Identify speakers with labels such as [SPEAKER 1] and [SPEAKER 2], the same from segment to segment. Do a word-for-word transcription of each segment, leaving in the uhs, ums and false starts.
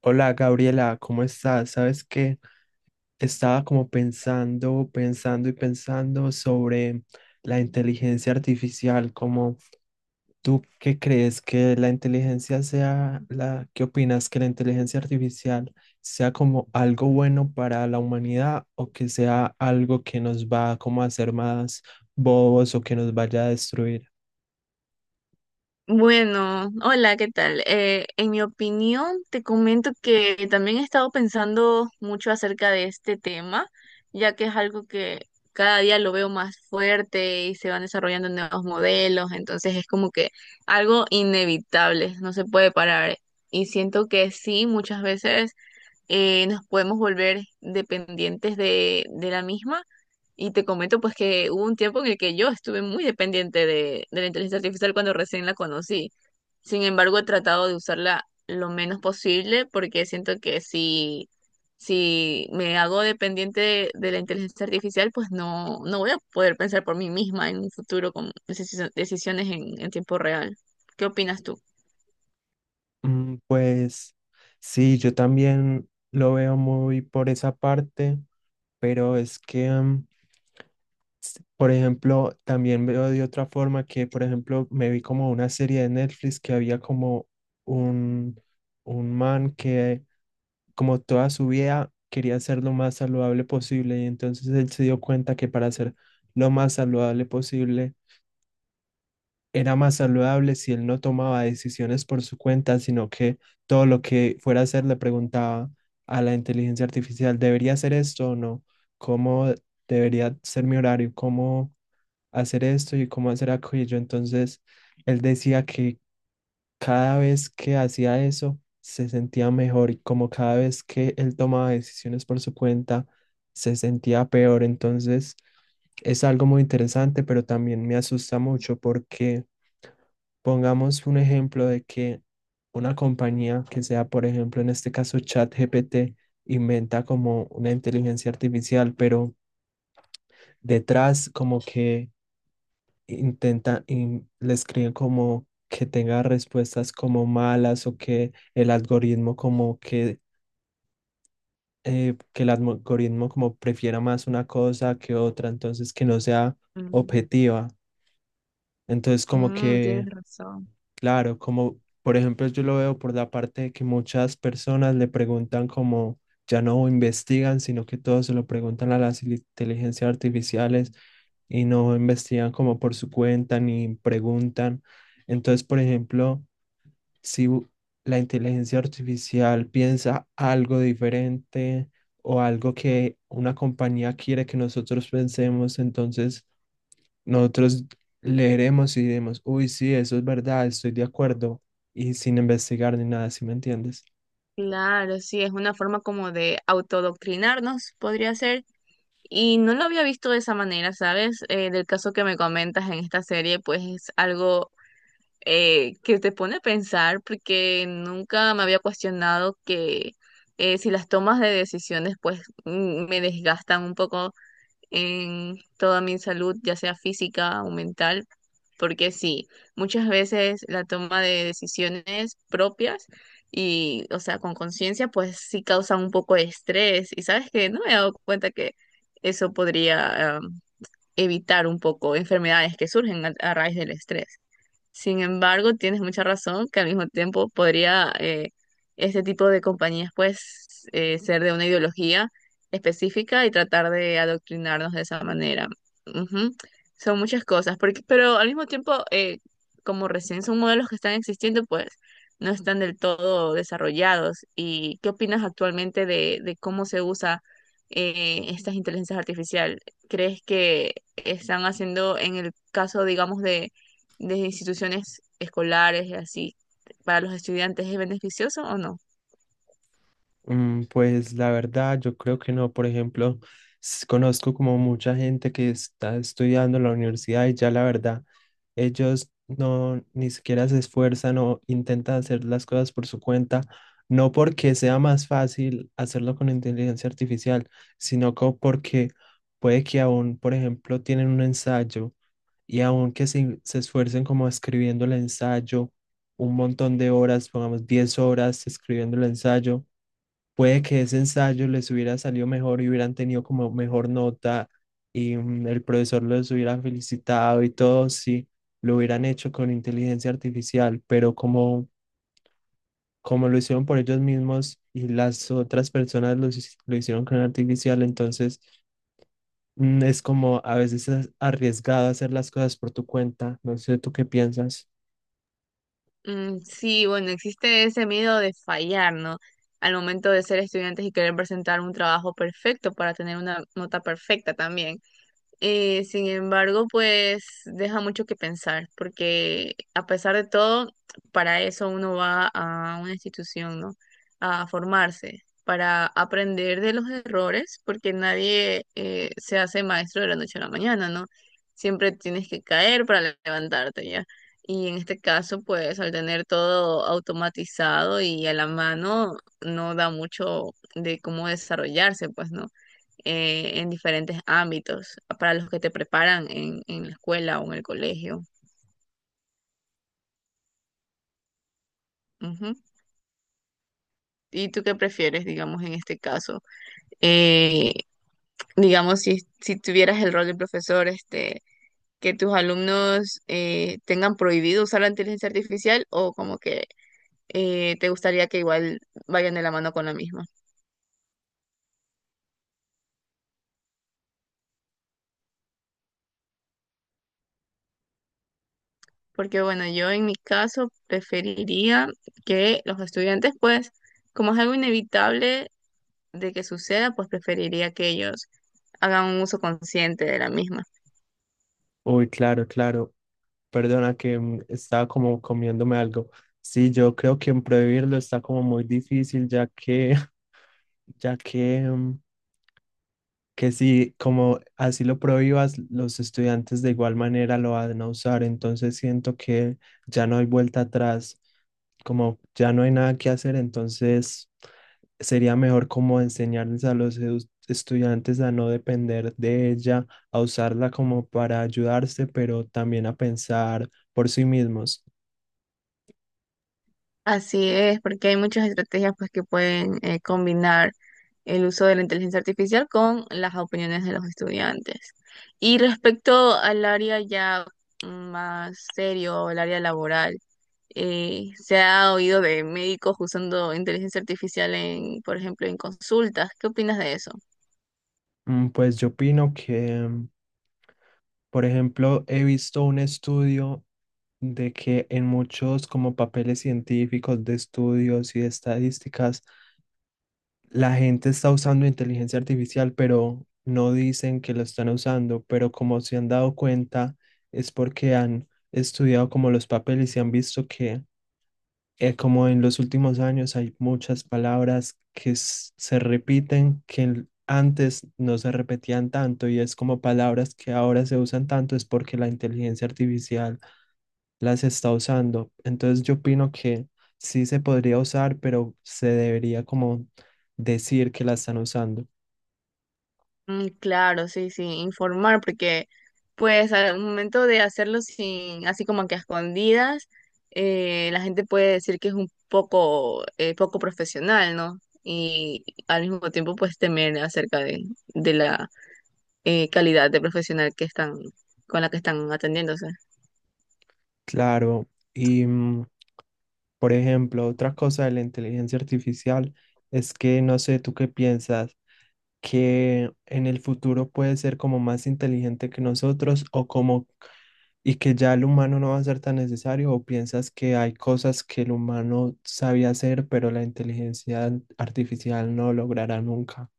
[SPEAKER 1] Hola Gabriela, ¿cómo estás? Sabes que estaba como pensando, pensando y pensando sobre la inteligencia artificial, como tú qué crees que la inteligencia sea la, ¿qué opinas que la inteligencia artificial sea como algo bueno para la humanidad o que sea algo que nos va como a hacer más bobos o que nos vaya a destruir?
[SPEAKER 2] Bueno, hola, ¿qué tal? Eh, en mi opinión, te comento que también he estado pensando mucho acerca de este tema, ya que es algo que cada día lo veo más fuerte y se van desarrollando nuevos modelos, entonces es como que algo inevitable, no se puede parar. Y siento que sí, muchas veces eh, nos podemos volver dependientes de, de la misma. Y te comento pues que hubo un tiempo en el que yo estuve muy dependiente de, de la inteligencia artificial cuando recién la conocí. Sin embargo, he tratado de usarla lo menos posible porque siento que si, si me hago dependiente de, de la inteligencia artificial, pues no, no voy a poder pensar por mí misma en un futuro con decisio- decisiones en, en tiempo real. ¿Qué opinas tú?
[SPEAKER 1] Mm, Pues sí, yo también lo veo muy por esa parte, pero es que, mm, s- por ejemplo, también veo de otra forma que, por ejemplo, me vi como una serie de Netflix que había como un, un man que como toda su vida quería ser lo más saludable posible y entonces él se dio cuenta que para ser lo más saludable posible, era más saludable si él no tomaba decisiones por su cuenta, sino que todo lo que fuera a hacer le preguntaba a la inteligencia artificial. ¿Debería hacer esto o no? ¿Cómo debería ser mi horario? ¿Cómo hacer esto y cómo hacer aquello? Entonces, él decía que cada vez que hacía eso, se sentía mejor y como cada vez que él tomaba decisiones por su cuenta, se sentía peor. Entonces, es algo muy interesante, pero también me asusta mucho porque pongamos un ejemplo de que una compañía que sea, por ejemplo, en este caso ChatGPT, inventa como una inteligencia artificial, pero detrás como que intenta, in- le escriben como que tenga respuestas como malas o que el algoritmo como que, eh, que el algoritmo como prefiera más una cosa que otra, entonces que no sea
[SPEAKER 2] Mm,
[SPEAKER 1] objetiva. Entonces como
[SPEAKER 2] mm, tienes
[SPEAKER 1] que
[SPEAKER 2] razón.
[SPEAKER 1] claro, como por ejemplo yo lo veo por la parte de que muchas personas le preguntan como ya no investigan, sino que todos se lo preguntan a las ili- inteligencias artificiales y no investigan como por su cuenta ni preguntan. Entonces, por ejemplo, si u- la inteligencia artificial piensa algo diferente o algo que una compañía quiere que nosotros pensemos, entonces nosotros leeremos y diremos, uy, sí, eso es verdad, estoy de acuerdo, y sin investigar ni nada, ¿si me entiendes?
[SPEAKER 2] Claro, sí, es una forma como de autodoctrinarnos, podría ser. Y no lo había visto de esa manera, ¿sabes? Eh, del caso que me comentas en esta serie, pues es algo eh, que te pone a pensar porque nunca me había cuestionado que eh, si las tomas de decisiones pues mm, me desgastan un poco en toda mi salud, ya sea física o mental, porque sí, muchas veces la toma de decisiones propias y, o sea, con conciencia, pues sí causan un poco de estrés. Y sabes que no me he dado cuenta que eso podría, em, evitar un poco enfermedades que surgen a a raíz del estrés. Sin embargo, tienes mucha razón que al mismo tiempo podría eh, este tipo de compañías pues eh, ser de una ideología específica y tratar de adoctrinarnos de esa manera. Ujú. Son muchas cosas, porque, pero al mismo tiempo, eh, como recién son modelos que están existiendo, pues no están del todo desarrollados. ¿Y qué opinas actualmente de, de cómo se usa eh, estas inteligencias artificiales? ¿Crees que están haciendo en el caso, digamos, de de instituciones escolares y así para los estudiantes es beneficioso o no?
[SPEAKER 1] Mm, pues la verdad, yo creo que no. Por ejemplo, s- conozco como mucha gente que está estudiando en la universidad y ya la verdad, ellos no ni siquiera se esfuerzan o intentan hacer las cosas por su cuenta, no porque sea más fácil hacerlo con inteligencia artificial, sino co- porque puede que aún, por ejemplo, tienen un ensayo y aunque se, se esfuercen como escribiendo el ensayo un montón de horas, pongamos diez horas escribiendo el ensayo, puede que ese ensayo les hubiera salido mejor y hubieran tenido como mejor nota y mm, el profesor los hubiera felicitado y todo si lo hubieran hecho con inteligencia artificial, pero como, como lo hicieron por ellos mismos y las otras personas lo, hici- lo hicieron con artificial, entonces... mm, Es como a veces es arriesgado hacer las cosas por tu cuenta. No sé, ¿tú qué piensas?
[SPEAKER 2] Mm, sí, bueno, existe ese miedo de fallar, ¿no? Al momento de ser estudiantes y querer presentar un trabajo perfecto para tener una nota perfecta también. Eh, sin embargo, pues deja mucho que pensar, porque a pesar de todo, para eso uno va a una institución, ¿no? A formarse, para aprender de los errores, porque nadie eh, se hace maestro de la noche a la mañana, ¿no? Siempre tienes que caer para le- levantarte, ¿ya? Y en este caso, pues al tener todo automatizado y a la mano, no da mucho de cómo desarrollarse, pues, ¿no? eh, en diferentes ámbitos, para los que te preparan en, en la escuela o en el colegio. Ujú. ¿Y tú qué prefieres, digamos, en este caso? Eh, digamos, si, si tuvieras el rol de profesor, este, que tus alumnos eh, tengan prohibido usar la inteligencia artificial o como que eh, te gustaría que igual vayan de la mano con la misma. Porque bueno, yo en mi caso preferiría que los estudiantes, pues, como es algo inevitable, de que suceda, pues preferiría que ellos hagan un uso consciente de la misma.
[SPEAKER 1] Uy, claro, claro. Perdona que mm, estaba como comiéndome algo. Sí, yo creo que en prohibirlo está como muy difícil, ya que, ya que, mm, que si como así lo prohíbas, los estudiantes de igual manera lo van a usar. Entonces siento que ya no hay vuelta atrás, como ya no hay nada que hacer, entonces sería mejor como enseñarles a los edu- estudiantes a no depender de ella, a usarla como para ayudarse, pero también a pensar por sí mismos.
[SPEAKER 2] Así es, porque hay muchas estrategias pues que pueden eh, combinar el uso de la inteligencia artificial con las opiniones de los estudiantes. Y respecto al área ya más serio, el área laboral, eh, se ha oído de médicos usando inteligencia artificial en, por ejemplo, en consultas. ¿Qué opinas de eso?
[SPEAKER 1] Mm, Pues yo opino que, por ejemplo, he visto un estudio de que en muchos como papeles científicos de estudios y de estadísticas la gente está usando inteligencia artificial, pero no dicen que lo están usando, pero como se han dado cuenta, es porque han estudiado como los papeles y han visto que eh, como en los últimos años hay muchas palabras que s- se repiten, que el- antes no se repetían tanto y es como palabras que ahora se usan tanto, es porque la inteligencia artificial las está usando. Entonces yo opino que sí se podría usar, pero se debería como decir que la están usando.
[SPEAKER 2] Mm, claro, sí, sí, informar, porque pues al momento de hacerlo sin, así como que a escondidas, eh, la gente puede decir que es un poco, eh, poco profesional, ¿no? Y al mismo tiempo pues temer acerca de, de la eh, calidad de profesional que están, con la que están atendiéndose.
[SPEAKER 1] Claro, y mm, por ejemplo, otra cosa de la inteligencia artificial es que no sé, ¿tú qué piensas? Que en el futuro puede ser como más inteligente que nosotros o como y que ya el humano no va a ser tan necesario o piensas que hay cosas que el humano sabía hacer pero la inteligencia artificial no logrará nunca.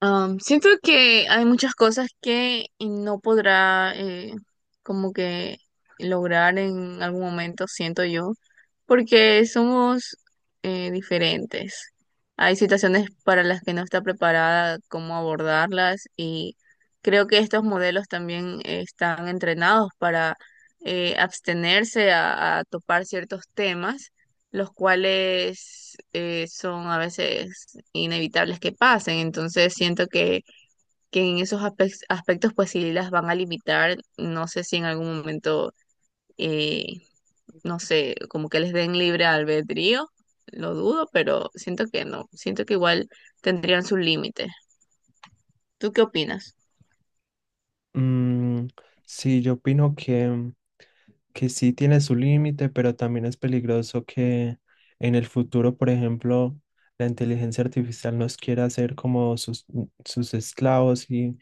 [SPEAKER 2] Am, siento que hay muchas cosas que no podrá eh, como que lograr en algún momento, siento yo, porque somos eh, diferentes. Hay situaciones para las que no está preparada cómo abordarlas y creo que estos modelos también eh, están entrenados para eh, abstenerse a a topar ciertos temas los cuales eh, son a veces inevitables que pasen. Entonces siento que, que en esos aspe- aspectos pues sí las van a limitar. No sé si en algún momento, eh, no sé, como que les den libre albedrío, lo dudo, pero siento que no, siento que igual tendrían su límite. ¿Tú qué opinas?
[SPEAKER 1] Mm, sí, yo opino que, que sí tiene su límite, pero también es peligroso que en el futuro, por ejemplo, la inteligencia artificial nos quiera hacer como sus, sus esclavos y,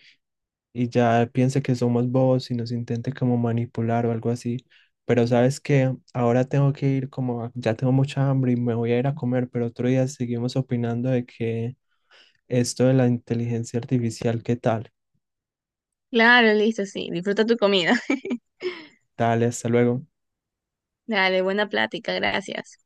[SPEAKER 1] y ya piense que somos bobos y nos intente como manipular o algo así. Pero sabes que ahora tengo que ir como, a- ya tengo mucha hambre y me voy a ir a comer, pero otro día seguimos opinando de que esto de la inteligencia artificial, ¿qué tal?
[SPEAKER 2] Claro, listo, sí, disfruta tu comida.
[SPEAKER 1] Dale, hasta luego.
[SPEAKER 2] Dale, buena plática, gracias.